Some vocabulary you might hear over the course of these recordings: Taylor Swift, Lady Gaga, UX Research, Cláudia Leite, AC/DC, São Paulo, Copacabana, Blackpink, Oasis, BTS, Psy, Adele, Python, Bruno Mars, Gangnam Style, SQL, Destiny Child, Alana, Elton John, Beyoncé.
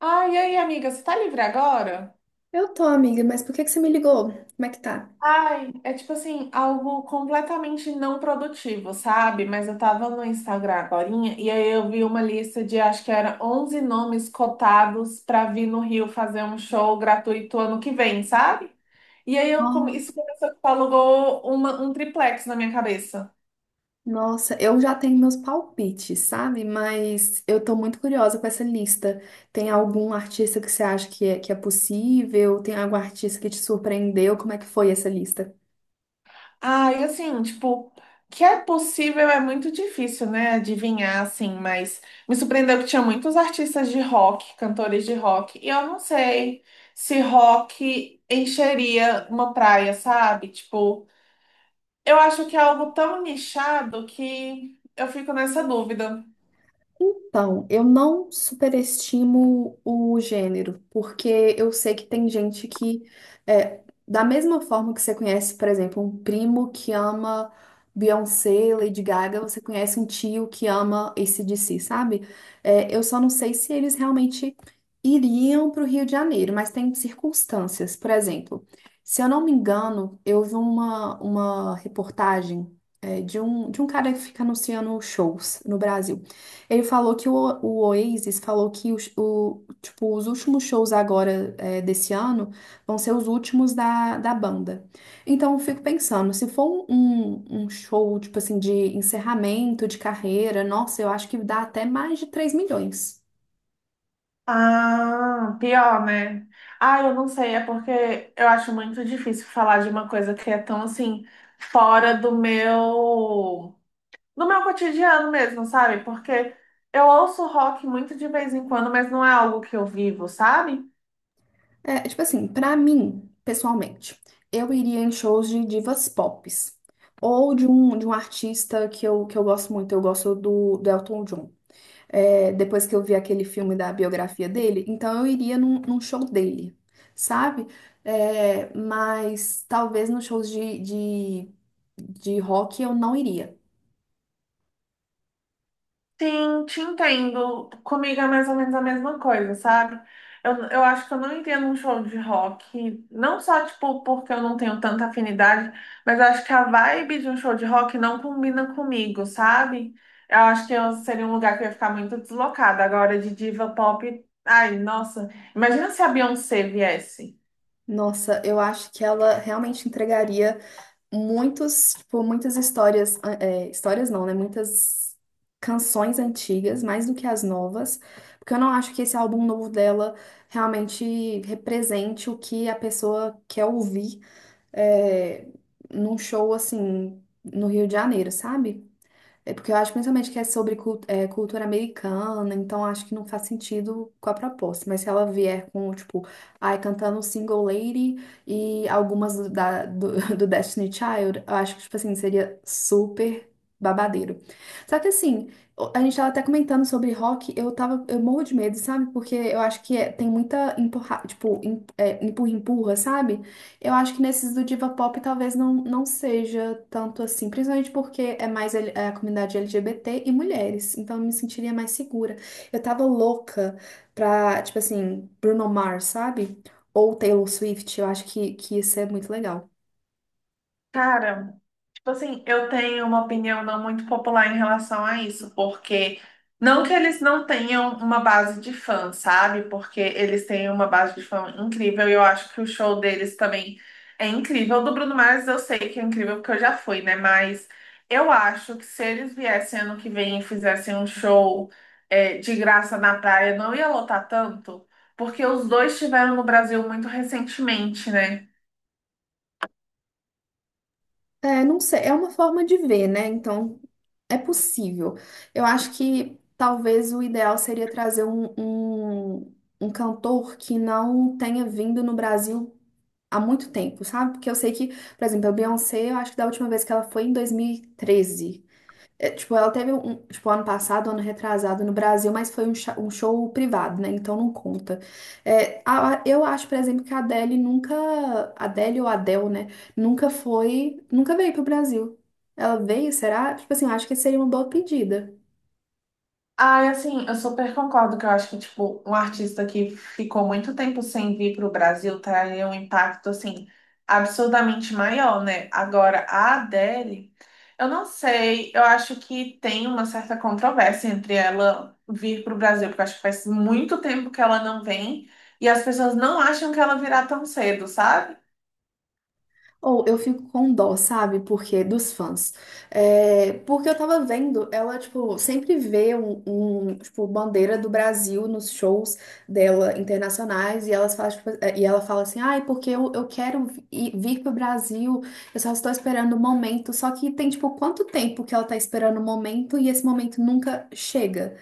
Ai, e aí, amiga, você tá livre agora? Eu tô, amiga, mas por que que você me ligou? Como é que tá? É tipo assim, algo completamente não produtivo, sabe? Mas eu tava no Instagram agorinha e aí eu vi uma lista de acho que era 11 nomes cotados pra vir no Rio fazer um show gratuito ano que vem, sabe? E aí Ó, isso começou que alugou um triplex na minha cabeça. nossa, eu já tenho meus palpites, sabe? Mas eu tô muito curiosa com essa lista. Tem algum artista que você acha que é possível? Tem algum artista que te surpreendeu? Como é que foi essa lista? Ah, e assim, tipo, que é possível é muito difícil, né, adivinhar, assim, mas me surpreendeu que tinha muitos artistas de rock, cantores de rock, e eu não sei se rock encheria uma praia, sabe? Tipo, eu acho que é algo tão nichado que eu fico nessa dúvida. Então, eu não superestimo o gênero, porque eu sei que tem gente que, é, da mesma forma que você conhece, por exemplo, um primo que ama Beyoncé, Lady Gaga, você conhece um tio que ama AC/DC, sabe? É, eu só não sei se eles realmente iriam para o Rio de Janeiro, mas tem circunstâncias. Por exemplo, se eu não me engano, eu vi uma reportagem, de um cara que fica anunciando shows no Brasil. Ele falou que o Oasis falou que os, o, tipo, os últimos shows agora desse ano vão ser os últimos da banda. Então eu fico pensando, se for um, um show tipo assim de encerramento de carreira, nossa, eu acho que dá até mais de 3 milhões. Ah, pior, né? Ah, eu não sei, é porque eu acho muito difícil falar de uma coisa que é tão, assim, fora do meu. No meu cotidiano mesmo, sabe? Porque eu ouço rock muito de vez em quando, mas não é algo que eu vivo, sabe? É, tipo assim, pra mim, pessoalmente, eu iria em shows de divas pop. Ou de um artista que eu gosto muito, eu gosto do, do Elton John. Depois que eu vi aquele filme da biografia dele, então eu iria num, num show dele, sabe? É, mas talvez nos shows de rock eu não iria. Sim, te entendo. Comigo é mais ou menos a mesma coisa, sabe? Eu acho que eu não entendo um show de rock, não só, tipo, porque eu não tenho tanta afinidade, mas eu acho que a vibe de um show de rock não combina comigo, sabe? Eu acho que eu seria um lugar que eu ia ficar muito deslocada. Agora, de diva pop, ai, nossa, imagina se a Beyoncé viesse. Nossa, eu acho que ela realmente entregaria muitos, tipo, muitas histórias, é, histórias não, né? Muitas canções antigas, mais do que as novas, porque eu não acho que esse álbum novo dela realmente represente o que a pessoa quer ouvir é, num show assim no Rio de Janeiro, sabe? É porque eu acho principalmente que é sobre cultura americana, então acho que não faz sentido com a proposta. Mas se ela vier com, tipo, ai, cantando Single Lady e algumas do, do, do Destiny Child, eu acho que, tipo assim, seria super babadeiro. Só que assim, a gente tava até comentando sobre rock, eu tava, eu morro de medo, sabe? Porque eu acho que tem muita empurra, tipo, empurra, empurra, sabe? Eu acho que nesses do diva pop talvez não seja tanto assim, principalmente porque é mais é a comunidade LGBT e mulheres, então eu me sentiria mais segura. Eu tava louca pra, tipo assim, Bruno Mars, sabe? Ou Taylor Swift, eu acho que isso é muito legal. Cara. Tipo assim, eu tenho uma opinião não muito popular em relação a isso, porque não que eles não tenham uma base de fã, sabe? Porque eles têm uma base de fã incrível e eu acho que o show deles também é incrível. O do Bruno Mars eu sei que é incrível porque eu já fui, né? Mas eu acho que se eles viessem ano que vem e fizessem um show de graça na praia, não ia lotar tanto, porque os dois estiveram no Brasil muito recentemente, né? É, não sei, é uma forma de ver, né? Então é possível. Eu acho que talvez o ideal seria trazer um cantor que não tenha vindo no Brasil há muito tempo, sabe? Porque eu sei que, por exemplo, a Beyoncé, eu acho que da última vez que ela foi em 2013. É, tipo, ela teve um, tipo, ano passado, ano retrasado no Brasil, mas foi um, um show privado, né? Então não conta. É, eu acho, por exemplo, que a Adele nunca, Adele ou Adele, né? Nunca foi, nunca veio pro Brasil. Ela veio, será? Tipo assim, eu acho que seria uma boa pedida. Ah, assim, eu super concordo que eu acho que, tipo, um artista que ficou muito tempo sem vir para o Brasil traria um impacto, assim, absurdamente maior, né? Agora, a Adele, eu não sei, eu acho que tem uma certa controvérsia entre ela vir para o Brasil, porque eu acho que faz muito tempo que ela não vem e as pessoas não acham que ela virá tão cedo, sabe? Ou eu fico com dó, sabe? Porque dos fãs. É, porque eu tava vendo, ela, tipo, sempre vê um, um, tipo, bandeira do Brasil nos shows dela internacionais e elas falam, tipo, e ela fala assim, ai, porque eu quero vir pro Brasil, eu só estou esperando o momento. Só que tem, tipo, quanto tempo que ela tá esperando o momento e esse momento nunca chega.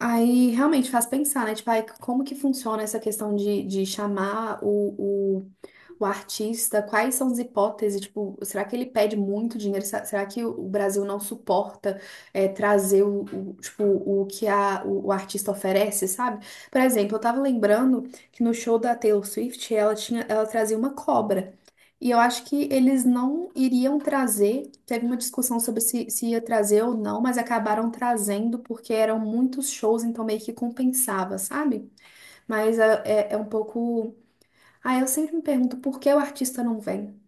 Aí realmente faz pensar, né? Tipo, ai, como que funciona essa questão de chamar o o artista, quais são as hipóteses? Tipo, será que ele pede muito dinheiro? Será que o Brasil não suporta trazer tipo, o que a, o artista oferece, sabe? Por exemplo, eu tava lembrando que no show da Taylor Swift ela tinha, ela trazia uma cobra. E eu acho que eles não iriam trazer. Teve uma discussão sobre se ia trazer ou não, mas acabaram trazendo porque eram muitos shows, então meio que compensava, sabe? Mas é, é um pouco. Ah, eu sempre me pergunto por que o artista não vem.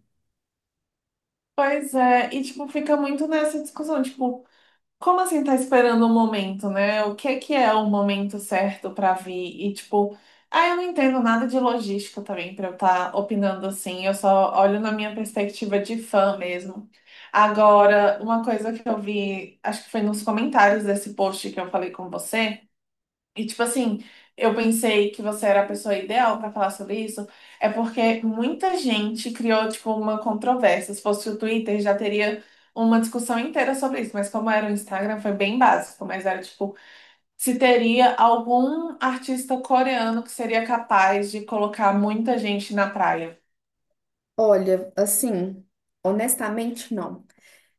Pois é, e, tipo, fica muito nessa discussão, tipo. Como assim tá esperando o momento, né? O que é o momento certo pra vir? E tipo, ah, eu não entendo nada de logística também pra eu estar opinando assim. Eu só olho na minha perspectiva de fã mesmo. Agora, uma coisa que eu vi, acho que foi nos comentários desse post que eu falei com você. E, tipo assim, eu pensei que você era a pessoa ideal pra falar sobre isso, é porque muita gente criou, tipo, uma controvérsia. Se fosse o Twitter, já teria uma discussão inteira sobre isso, mas como era o Instagram, foi bem básico. Mas era, tipo, se teria algum artista coreano que seria capaz de colocar muita gente na praia. Olha, assim, honestamente, não.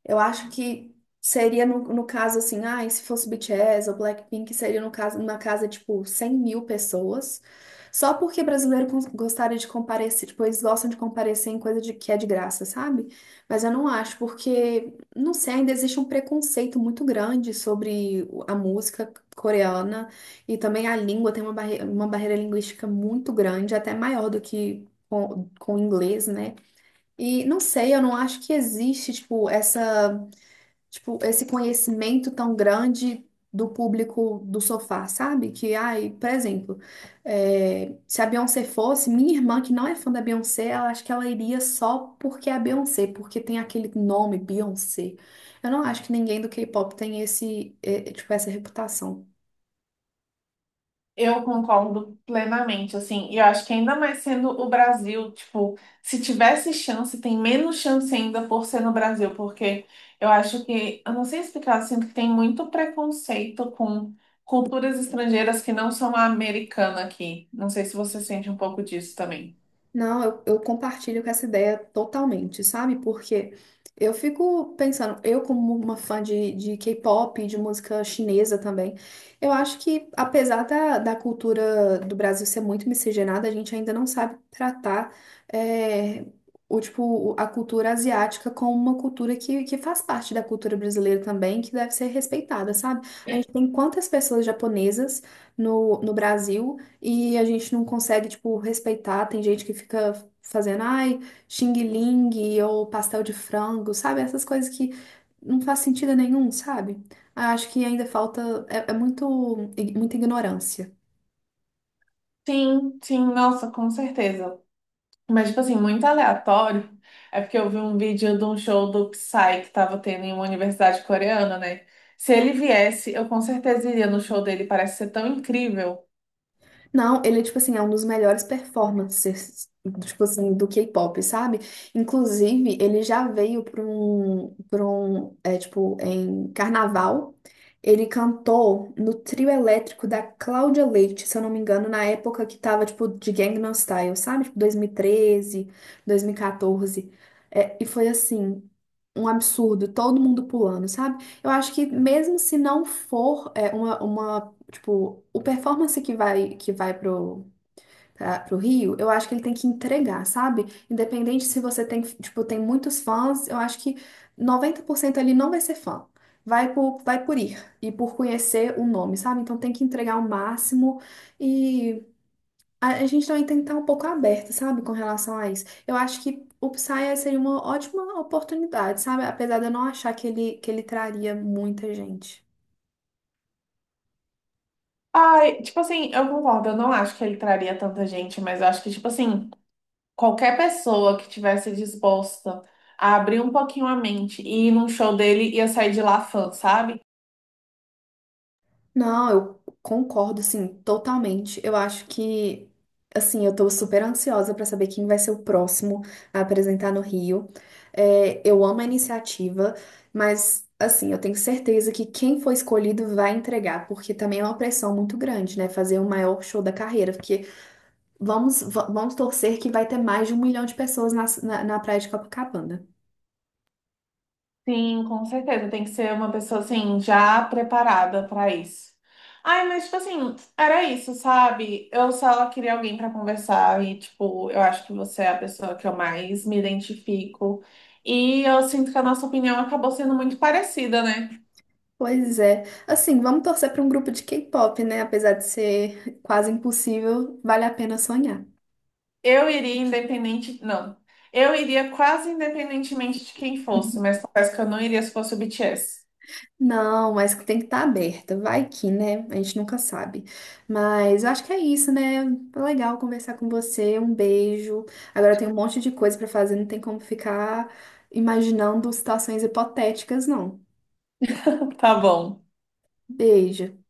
Eu acho que seria no, no caso assim, ah, e se fosse BTS ou Blackpink, seria no caso, numa casa tipo 100 mil pessoas. Só porque brasileiro gostaria de comparecer, tipo, eles gostam de comparecer em coisa de, que é de graça, sabe? Mas eu não acho, porque, não sei, ainda existe um preconceito muito grande sobre a música coreana e também a língua tem uma, barre uma barreira linguística muito grande, até maior do que com o inglês, né? E não sei, eu não acho que existe, tipo, essa tipo, esse conhecimento tão grande do público do sofá, sabe? Que, ai, por exemplo, se a Beyoncé fosse, minha irmã, que não é fã da Beyoncé, ela acha que ela iria só porque é a Beyoncé, porque tem aquele nome, Beyoncé. Eu não acho que ninguém do K-pop tem esse, é, tipo, essa reputação. Eu concordo plenamente, assim, e eu acho que ainda mais sendo o Brasil, tipo, se tivesse chance, tem menos chance ainda por ser no Brasil, porque eu acho que, eu não sei explicar, eu sinto que tem muito preconceito com culturas estrangeiras que não são a americana aqui. Não sei se você sente um pouco disso também. Não, eu compartilho com essa ideia totalmente, sabe? Porque eu fico pensando, eu como uma fã de K-pop, e de música chinesa também, eu acho que apesar da cultura do Brasil ser muito miscigenada, a gente ainda não sabe tratar é, o a cultura asiática como uma cultura que faz parte da cultura brasileira também, que deve ser respeitada, sabe? A gente tem quantas pessoas japonesas no, no Brasil? E a gente não consegue, tipo, respeitar. Tem gente que fica fazendo, ai, xing ling ou pastel de frango, sabe? Essas coisas que não faz sentido nenhum, sabe? Acho que ainda falta, é, muito, muita ignorância. Sim, sim, nossa, com certeza. Mas, tipo assim, muito aleatório. É porque eu vi um vídeo de um show do Psy que tava tendo em uma universidade coreana, né? Se ele viesse, eu com certeza iria no show dele, parece ser tão incrível. Não, ele é tipo assim, é um dos melhores performances, tipo assim, do K-pop, sabe? Inclusive, ele já veio para um, é, tipo, em carnaval, ele cantou no trio elétrico da Cláudia Leite, se eu não me engano, na época que tava, tipo, de Gangnam Style, sabe? Tipo, 2013, 2014. É, e foi assim, um absurdo, todo mundo pulando, sabe? Eu acho que mesmo se não for é, uma tipo, o performance que vai pro, pro Rio, eu acho que ele tem que entregar, sabe? Independente se você tem, tipo, tem muitos fãs, eu acho que 90% ali não vai ser fã. Vai por ir e por conhecer o nome, sabe? Então tem que entregar o máximo e a gente também tem que estar um pouco aberto, sabe, com relação a isso. Eu acho que o Psy seria uma ótima oportunidade, sabe? Apesar de eu não achar que ele traria muita gente. Ai, tipo assim, eu concordo, eu não acho que ele traria tanta gente, mas eu acho que, tipo assim, qualquer pessoa que tivesse disposta a abrir um pouquinho a mente e ir num show dele ia sair de lá fã, sabe? Não, eu concordo, assim, totalmente. Eu acho que, assim, eu tô super ansiosa pra saber quem vai ser o próximo a apresentar no Rio. É, eu amo a iniciativa, mas, assim, eu tenho certeza que quem for escolhido vai entregar, porque também é uma pressão muito grande, né? Fazer o maior show da carreira, porque vamos torcer que vai ter mais de 1 milhão de pessoas na, na, na Praia de Copacabana. Sim, com certeza. Tem que ser uma pessoa assim, já preparada para isso. Ai, mas tipo assim, era isso, sabe? Eu só queria alguém para conversar e, tipo, eu acho que você é a pessoa que eu mais me identifico. E eu sinto que a nossa opinião acabou sendo muito parecida, né? Pois é. Assim, vamos torcer para um grupo de K-pop, né? Apesar de ser quase impossível, vale a pena sonhar. Eu iria independente. Não. Eu iria quase independentemente de quem fosse, mas parece que eu não iria se fosse o BTS. Não, mas tem que estar aberta. Vai que, né? A gente nunca sabe. Mas eu acho que é isso, né? Foi legal conversar com você. Um beijo. Agora tem um monte de coisa para fazer, não tem como ficar imaginando situações hipotéticas, não. Tá bom. Beijo.